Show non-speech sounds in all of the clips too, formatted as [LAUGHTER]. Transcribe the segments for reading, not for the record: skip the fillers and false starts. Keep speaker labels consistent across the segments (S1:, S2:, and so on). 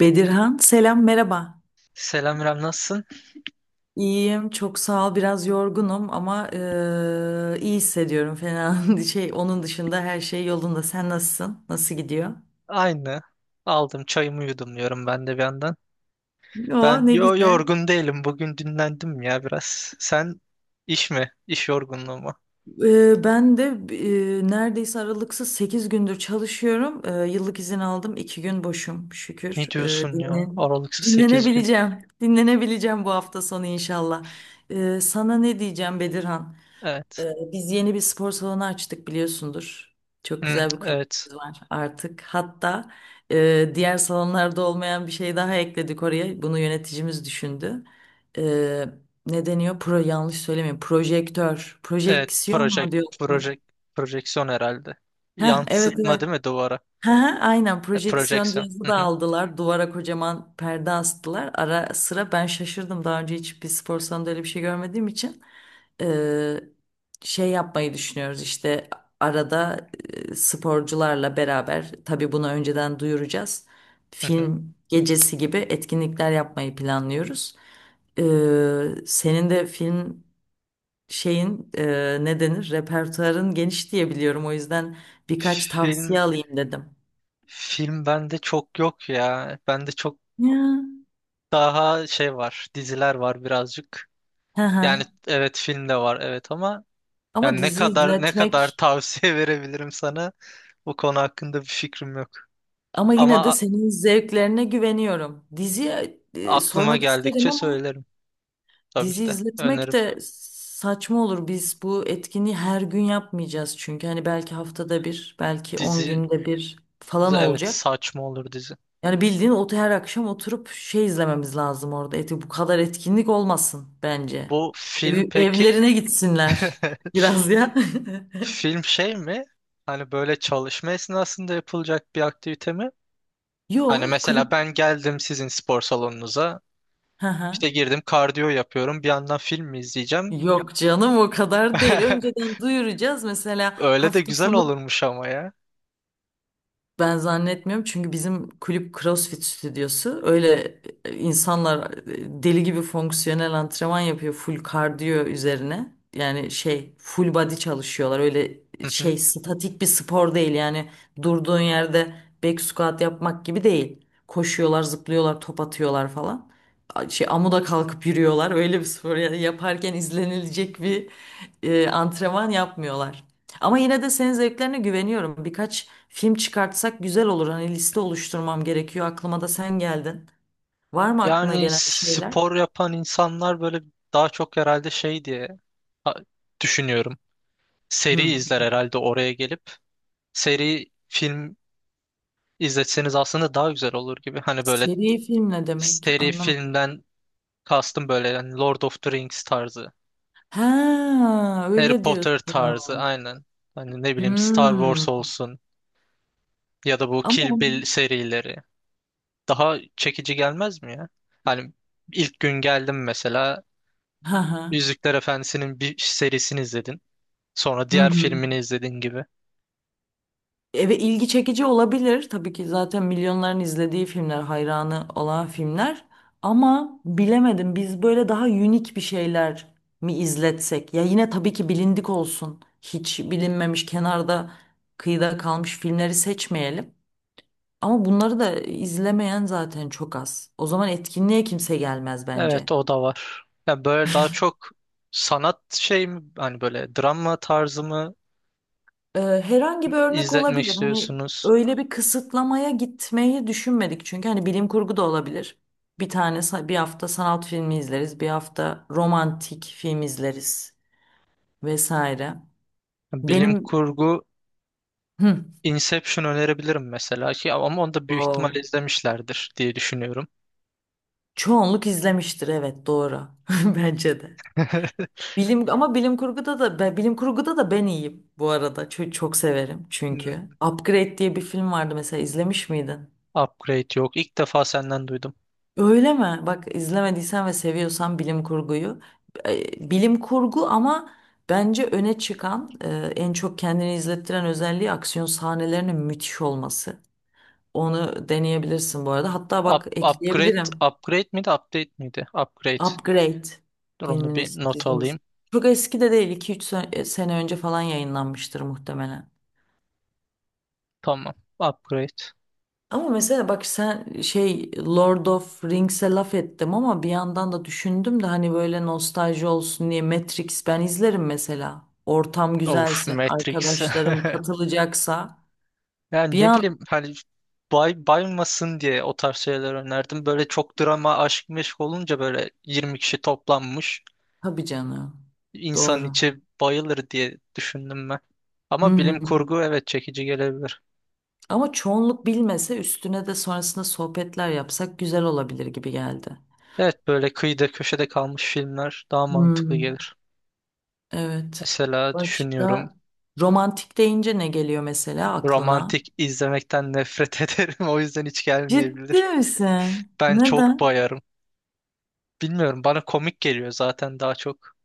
S1: Bedirhan, selam, merhaba.
S2: Selam İrem, nasılsın?
S1: İyiyim, çok sağ ol. Biraz yorgunum ama iyi hissediyorum fena. [LAUGHS] Şey, onun dışında her şey yolunda. Sen nasılsın? Nasıl gidiyor?
S2: Aynı. Aldım çayımı, yudum diyorum ben de bir yandan.
S1: O
S2: Ben
S1: ne güzel.
S2: yorgun değilim. Bugün dinlendim ya biraz. Sen iş mi? İş yorgunluğu mu?
S1: Ben de neredeyse aralıksız 8 gündür çalışıyorum. Yıllık izin aldım. İki gün boşum şükür.
S2: Ne diyorsun ya? Aralıksız 8 gün.
S1: Dinlenebileceğim. Dinlenebileceğim bu hafta sonu inşallah. Sana ne diyeceğim Bedirhan?
S2: Evet.
S1: Biz yeni bir spor salonu açtık biliyorsundur. Çok
S2: Hı,
S1: güzel bir
S2: evet.
S1: kulübümüz var artık. Hatta diğer salonlarda olmayan bir şey daha ekledik oraya. Bunu yöneticimiz düşündü. Ee, ne deniyor? Yanlış söylemeyeyim. Projektör.
S2: Evet.
S1: Projeksiyon mu diyor?
S2: Project, Projeksiyon herhalde.
S1: Heh, evet,
S2: Yansıtma
S1: evet.
S2: değil mi duvara?
S1: Hı hı, aynen
S2: E,
S1: projeksiyon
S2: projeksiyon.
S1: cihazı
S2: Hı
S1: da
S2: hı,
S1: aldılar. Duvara kocaman perde astılar. Ara sıra ben şaşırdım. Daha önce hiç bir spor salonunda öyle bir şey görmediğim için eee, şey yapmayı düşünüyoruz işte arada sporcularla beraber tabii bunu önceden duyuracağız.
S2: hı hı.
S1: Film gecesi gibi etkinlikler yapmayı planlıyoruz. Senin de film şeyin ne denir repertuarın geniş diye biliyorum. O yüzden birkaç
S2: Film,
S1: tavsiye alayım dedim.
S2: film bende çok yok ya. Bende çok
S1: Ya.
S2: daha şey var. Diziler var birazcık.
S1: Hı
S2: Yani
S1: hı.
S2: evet, film de var evet, ama
S1: Ama
S2: yani ne
S1: dizi
S2: kadar ne kadar
S1: izletmek,
S2: tavsiye [LAUGHS] verebilirim sana? Bu konu hakkında bir fikrim yok.
S1: ama yine
S2: Ama
S1: de senin zevklerine güveniyorum. Diziye
S2: aklıma
S1: sormak isterim
S2: geldikçe
S1: ama
S2: söylerim, tabii ki
S1: dizi
S2: de
S1: izletmek
S2: öneririm.
S1: de saçma olur. Biz bu etkinliği her gün yapmayacağız çünkü hani belki haftada bir, belki 10
S2: Dizi
S1: günde bir falan
S2: evet,
S1: olacak.
S2: saçma olur dizi.
S1: Yani bildiğin ot her akşam oturup şey izlememiz lazım orada. Eti bu kadar etkinlik olmasın bence.
S2: Bu film peki,
S1: Evlerine
S2: [LAUGHS]
S1: gitsinler biraz ya.
S2: film şey mi? Hani böyle çalışma esnasında yapılacak bir aktivite mi?
S1: [LAUGHS]
S2: Hani
S1: Yo,
S2: mesela
S1: kulüp.
S2: ben geldim sizin spor salonunuza,
S1: Hı hı.
S2: işte girdim, kardiyo yapıyorum, bir yandan film mi izleyeceğim?
S1: Yok canım, o kadar değil.
S2: [LAUGHS]
S1: Önceden duyuracağız. Mesela
S2: Öyle de
S1: hafta
S2: güzel
S1: sonu
S2: olurmuş ama ya.
S1: ben zannetmiyorum çünkü bizim kulüp CrossFit stüdyosu. Öyle insanlar deli gibi fonksiyonel antrenman yapıyor full kardiyo üzerine. Yani şey full body çalışıyorlar. Öyle
S2: Hı hı.
S1: şey statik bir spor değil. Yani durduğun yerde back squat yapmak gibi değil. Koşuyorlar, zıplıyorlar, top atıyorlar falan. Şey amuda kalkıp yürüyorlar. Öyle bir spor yani yaparken izlenilecek bir antrenman yapmıyorlar. Ama yine de senin zevklerine güveniyorum. Birkaç film çıkartsak güzel olur. Hani liste oluşturmam gerekiyor. Aklıma da sen geldin. Var mı aklına
S2: Yani
S1: gelen bir şeyler?
S2: spor yapan insanlar böyle daha çok herhalde şey diye ha- düşünüyorum. Seri
S1: Hı.
S2: izler herhalde oraya gelip. Seri film izletseniz aslında daha güzel olur gibi. Hani böyle
S1: Seri film ne demek?
S2: seri
S1: Anlamadım.
S2: filmden kastım böyle, yani Lord of the Rings tarzı.
S1: Ha,
S2: Harry
S1: öyle
S2: Potter tarzı
S1: diyorsun.
S2: aynen. Hani ne bileyim Star Wars
S1: Hmm.
S2: olsun, ya da bu
S1: Ama
S2: Kill
S1: onu...
S2: Bill serileri. Daha çekici gelmez mi ya? Hani ilk gün geldim mesela,
S1: Hı hı.
S2: Yüzükler Efendisi'nin bir serisini izledin. Sonra
S1: Hı
S2: diğer
S1: hı.
S2: filmini izledin gibi.
S1: Evet, ilgi çekici olabilir. Tabii ki zaten milyonların izlediği filmler, hayranı olan filmler. Ama bilemedim, biz böyle daha unik bir şeyler mi izletsek? Ya yine tabii ki bilindik olsun. Hiç bilinmemiş, kenarda, kıyıda kalmış filmleri seçmeyelim. Ama bunları da izlemeyen zaten çok az. O zaman etkinliğe kimse gelmez bence.
S2: Evet, o da var. Ya böyle daha çok sanat şey mi? Hani böyle drama tarzı mı
S1: Herhangi bir örnek
S2: izletmek
S1: olabilir. Hani
S2: istiyorsunuz?
S1: öyle bir kısıtlamaya gitmeyi düşünmedik. Çünkü hani bilim kurgu da olabilir. Bir hafta sanat filmi izleriz, bir hafta romantik film izleriz vesaire.
S2: Bilim
S1: Benim
S2: kurgu,
S1: hı,
S2: Inception önerebilirim mesela ki, ama onu da büyük ihtimal
S1: o,
S2: izlemişlerdir diye düşünüyorum.
S1: çoğunluk izlemiştir evet doğru. [LAUGHS] Bence de.
S2: [LAUGHS]
S1: Bilim kurguda da bilim kurguda da ben iyiyim bu arada. Çok, çok severim çünkü.
S2: Hmm,
S1: Upgrade diye bir film vardı mesela, izlemiş miydin?
S2: Upgrade yok. İlk defa senden duydum.
S1: Öyle mi? Bak izlemediysen ve seviyorsan bilim kurguyu. Bilim kurgu ama bence öne çıkan en çok kendini izlettiren özelliği aksiyon sahnelerinin müthiş olması. Onu deneyebilirsin bu arada. Hatta
S2: Up,
S1: bak
S2: upgrade,
S1: ekleyebilirim.
S2: Upgrade miydi, update miydi? Upgrade.
S1: Upgrade
S2: Dur onu bir
S1: filminiz,
S2: not
S1: diziniz.
S2: alayım.
S1: Çok eski de değil. İki üç sene önce falan yayınlanmıştır muhtemelen.
S2: Tamam. Upgrade.
S1: Ama mesela bak sen şey Lord of Rings'e laf ettim ama bir yandan da düşündüm de hani böyle nostalji olsun diye Matrix ben izlerim mesela. Ortam
S2: Of,
S1: güzelse,
S2: Matrix. [LAUGHS]
S1: arkadaşlarım katılacaksa
S2: Yani
S1: bir
S2: ne
S1: an
S2: bileyim hani baymasın diye o tarz şeyler önerdim. Böyle çok drama aşk meşk olunca böyle 20 kişi toplanmış.
S1: tabii canım.
S2: İnsanın
S1: Doğru.
S2: içi bayılır diye düşündüm ben.
S1: Hı
S2: Ama
S1: hı.
S2: bilim kurgu evet, çekici gelebilir.
S1: Ama çoğunluk bilmese üstüne de sonrasında sohbetler yapsak güzel olabilir gibi geldi.
S2: Evet, böyle kıyıda köşede kalmış filmler daha mantıklı
S1: Hmm,
S2: gelir.
S1: evet.
S2: Mesela düşünüyorum,
S1: Başka romantik deyince ne geliyor mesela aklına?
S2: romantik izlemekten nefret [LAUGHS] ederim, o yüzden hiç
S1: Ciddi
S2: gelmeyebilir.
S1: misin?
S2: Ben çok
S1: Neden?
S2: bayarım. Bilmiyorum, bana komik geliyor zaten daha çok.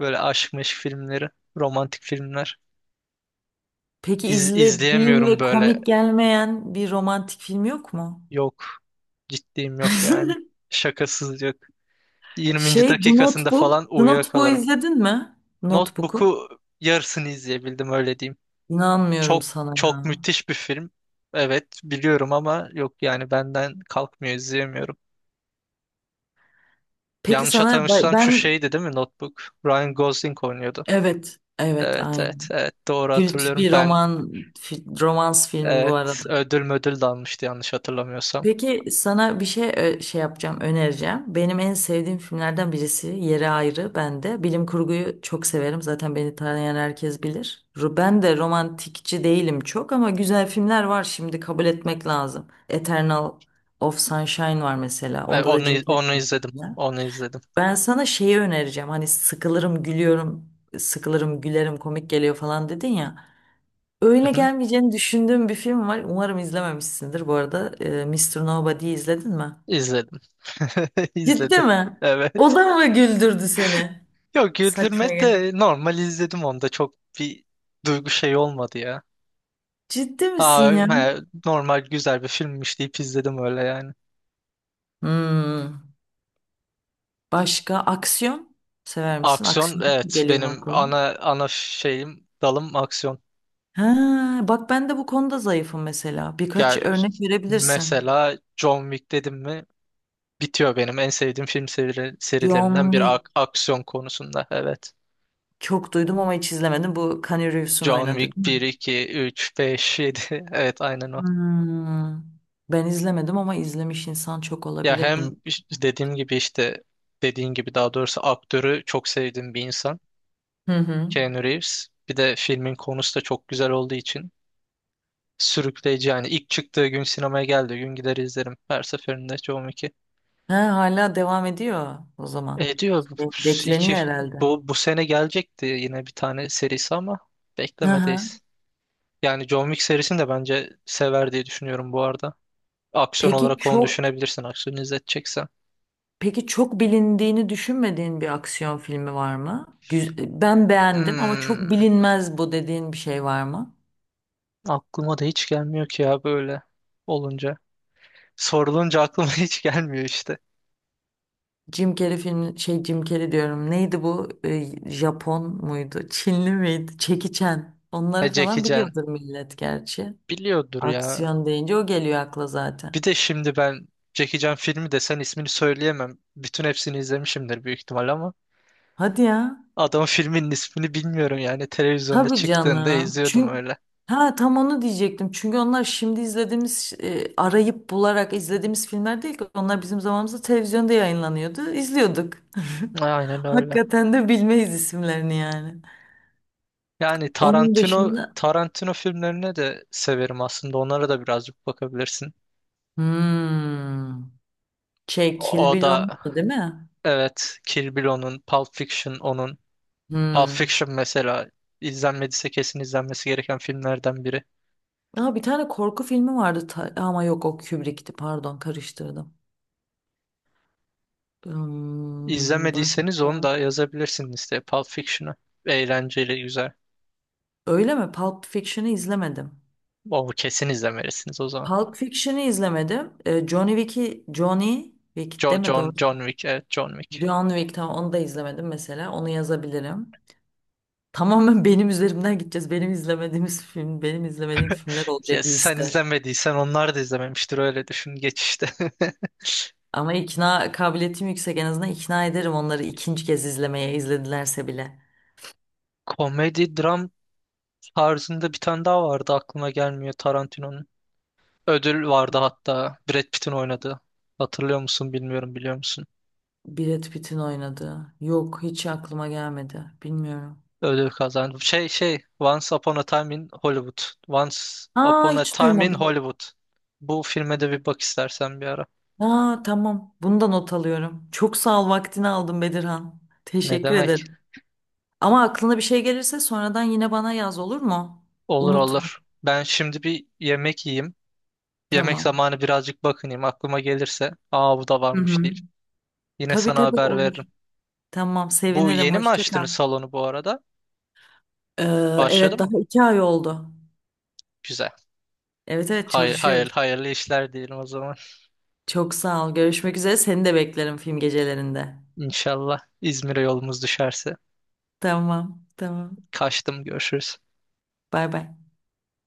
S2: Böyle aşk meşk filmleri, romantik filmler.
S1: Peki izlediğin
S2: İzleyemiyorum
S1: ve
S2: böyle,
S1: komik gelmeyen bir romantik film yok mu?
S2: yok, ciddiyim yok yani.
S1: [LAUGHS]
S2: Şakasız yok. 20.
S1: Şey The
S2: dakikasında
S1: Notebook.
S2: falan
S1: The Notebook'u
S2: uyuyakalırım.
S1: izledin mi? Notebook'u.
S2: Notebook'u yarısını izleyebildim, öyle diyeyim.
S1: İnanmıyorum
S2: Çok
S1: sana
S2: çok
S1: ya.
S2: müthiş bir film. Evet biliyorum ama yok yani, benden kalkmıyor, izleyemiyorum.
S1: Peki
S2: Yanlış
S1: sana
S2: hatırlamıyorsam şu
S1: ben
S2: şeydi değil mi Notebook? Ryan Gosling oynuyordu.
S1: evet, evet
S2: Evet,
S1: aynı.
S2: evet, evet, doğru
S1: Kült
S2: hatırlıyorum.
S1: bir romans filmi bu arada.
S2: Evet, ödül de almıştı yanlış hatırlamıyorsam.
S1: Peki sana bir şey şey yapacağım, önereceğim. Benim en sevdiğim filmlerden birisi Yeri Ayrı bende. Bilim kurguyu çok severim. Zaten beni tanıyan herkes bilir. Ben de romantikçi değilim çok ama güzel filmler var, şimdi kabul etmek lazım. Eternal of Sunshine var mesela.
S2: E,
S1: Onda da
S2: onu
S1: Jim Carrey
S2: onu izledim.
S1: oynuyor.
S2: Onu izledim.
S1: Ben sana şeyi önereceğim. Hani sıkılırım, gülüyorum, sıkılırım, gülerim, komik geliyor falan dedin ya. Öyle
S2: Hı hı,
S1: gelmeyeceğini düşündüğüm bir film var. Umarım izlememişsindir bu arada. Mr. Nobody'yi izledin mi?
S2: izledim. [LAUGHS]
S1: Ciddi
S2: İzledim.
S1: mi?
S2: Evet.
S1: O da mı güldürdü seni?
S2: Yok,
S1: Saçma
S2: güldürme
S1: ya.
S2: de normal izledim, onda çok bir duygu şey olmadı ya.
S1: Ciddi
S2: Aa,
S1: misin ya?
S2: he, normal güzel bir filmmiş deyip izledim öyle yani.
S1: Hmm. Başka aksiyon sever misin?
S2: Aksiyon
S1: Aksiyon
S2: evet,
S1: geliyor mu
S2: benim
S1: aklıma?
S2: ana şeyim, dalım aksiyon.
S1: Ha, bak ben de bu konuda zayıfım mesela. Birkaç
S2: Yani
S1: örnek verebilirsin.
S2: mesela John Wick dedim mi bitiyor, benim en sevdiğim film serilerinden
S1: John
S2: bir,
S1: Wick.
S2: aksiyon konusunda evet.
S1: Çok duydum ama hiç izlemedim. Bu Keanu Reeves'un
S2: John
S1: oynadı
S2: Wick
S1: değil
S2: bir,
S1: mi?
S2: iki, üç, beş, yedi, [LAUGHS] evet aynen o.
S1: Hmm. Ben izlemedim ama izlemiş insan çok
S2: Ya
S1: olabilir.
S2: hem dediğim gibi işte, dediğin gibi daha doğrusu, aktörü çok sevdiğim bir insan
S1: Hı hı.
S2: Keanu Reeves. Bir de filmin konusu da çok güzel olduğu için. Sürükleyici yani. İlk çıktığı gün, sinemaya geldiği gün gider izlerim. Her seferinde. Çoğum iki.
S1: Ha, hala devam ediyor o zaman.
S2: E diyor iki,
S1: Bekleniyor herhalde.
S2: bu sene gelecekti yine bir tane serisi ama
S1: Hı hı.
S2: beklemedeyiz. Yani John Wick serisini de bence sever diye düşünüyorum bu arada. Aksiyon
S1: Peki
S2: olarak onu
S1: çok
S2: düşünebilirsin, aksiyon izleteceksen.
S1: peki çok bilindiğini düşünmediğin bir aksiyon filmi var mı? Ben beğendim ama çok
S2: Hmm,
S1: bilinmez bu dediğin bir şey var mı?
S2: aklıma da hiç gelmiyor ki ya, böyle olunca. Sorulunca aklıma [LAUGHS] hiç gelmiyor işte.
S1: Jim Carrey diyorum. Neydi bu? Japon muydu? Çinli miydi? Jackie Chan.
S2: E,
S1: Onları
S2: Jackie
S1: falan
S2: Chan
S1: biliyordur millet gerçi.
S2: biliyordur ya.
S1: Aksiyon deyince o geliyor akla
S2: Bir
S1: zaten.
S2: de şimdi ben, Jackie Chan filmi desen ismini söyleyemem. Bütün hepsini izlemişimdir büyük ihtimal ama
S1: Hadi ya.
S2: adamın filminin ismini bilmiyorum yani. Televizyonda
S1: Tabii
S2: çıktığında
S1: canım.
S2: izliyordum
S1: Çünkü
S2: öyle.
S1: ha tam onu diyecektim. Çünkü onlar şimdi izlediğimiz arayıp bularak izlediğimiz filmler değil ki. Onlar bizim zamanımızda televizyonda yayınlanıyordu. İzliyorduk.
S2: Aynen
S1: [LAUGHS]
S2: öyle.
S1: Hakikaten de bilmeyiz isimlerini yani.
S2: Yani
S1: Onun
S2: Tarantino
S1: dışında
S2: Tarantino filmlerini de severim aslında. Onlara da birazcık bakabilirsin.
S1: hmm, şey Kill
S2: O
S1: Bill
S2: da
S1: olmadı değil mi?
S2: evet, Kill Bill onun, Pulp Fiction onun. Pulp
S1: Hmm.
S2: Fiction mesela, izlenmediyse kesin izlenmesi gereken filmlerden biri.
S1: Aa, bir tane korku filmi vardı ama yok, o Kubrick'ti, pardon karıştırdım. Hmm,
S2: İzlemediyseniz onu
S1: başka.
S2: da yazabilirsiniz listeye, Pulp Fiction'ı. Eğlenceli, güzel.
S1: Öyle mi? Pulp Fiction'ı izlemedim.
S2: O kesin izlemelisiniz o zaman.
S1: Pulp Fiction'ı izlemedim. Johnny Wick deme doğru.
S2: John Wick, evet, John Wick.
S1: John Wick tamam, onu da izlemedim mesela. Onu yazabilirim. [LAUGHS] Tamamen benim üzerimden gideceğiz. Benim izlemediğim filmler
S2: Ya
S1: olacak
S2: sen
S1: liste.
S2: izlemediysen onlar da izlememiştir, öyle düşün geç işte.
S1: Ama ikna kabiliyetim yüksek. En azından ikna ederim onları ikinci kez izlemeye, izledilerse bile.
S2: [LAUGHS] Komedi, dram tarzında bir tane daha vardı, aklıma gelmiyor, Tarantino'nun. Ödül vardı hatta, Brad Pitt'in oynadığı. Hatırlıyor musun, bilmiyorum, biliyor musun?
S1: Brad Pitt'in oynadığı. Yok, hiç aklıma gelmedi. Bilmiyorum.
S2: Ödül kazandı. Şey Once Upon a Time in Hollywood. Once
S1: Aa,
S2: Upon a
S1: hiç
S2: Time in
S1: duymadım.
S2: Hollywood. Bu filme de bir bak istersen bir ara.
S1: Aa, tamam. Bunu da not alıyorum. Çok sağ ol, vaktini aldım Bedirhan.
S2: Ne
S1: Teşekkür
S2: demek?
S1: ederim. Ama aklına bir şey gelirse sonradan yine bana yaz, olur mu?
S2: Olur,
S1: Unutma.
S2: olur. Ben şimdi bir yemek yiyeyim. Yemek
S1: Tamam.
S2: zamanı, birazcık bakınayım. Aklıma gelirse, aa, bu da
S1: Hı
S2: varmış
S1: hı.
S2: deyip yine
S1: Tabii,
S2: sana
S1: tabii
S2: haber veririm.
S1: olur. Tamam,
S2: Bu
S1: sevinirim.
S2: yeni mi
S1: Hoşça
S2: açtınız
S1: kal.
S2: salonu bu arada?
S1: Ee,
S2: Başladı
S1: evet,
S2: mı?
S1: daha iki ay oldu.
S2: Güzel.
S1: Evet, evet
S2: Hayır,
S1: çalışıyoruz.
S2: hayır, hayırlı işler diyelim o zaman.
S1: Çok sağ ol. Görüşmek üzere. Seni de beklerim film gecelerinde.
S2: İnşallah İzmir'e yolumuz düşerse.
S1: Tamam, tamam.
S2: Kaçtım, görüşürüz.
S1: Bay bay.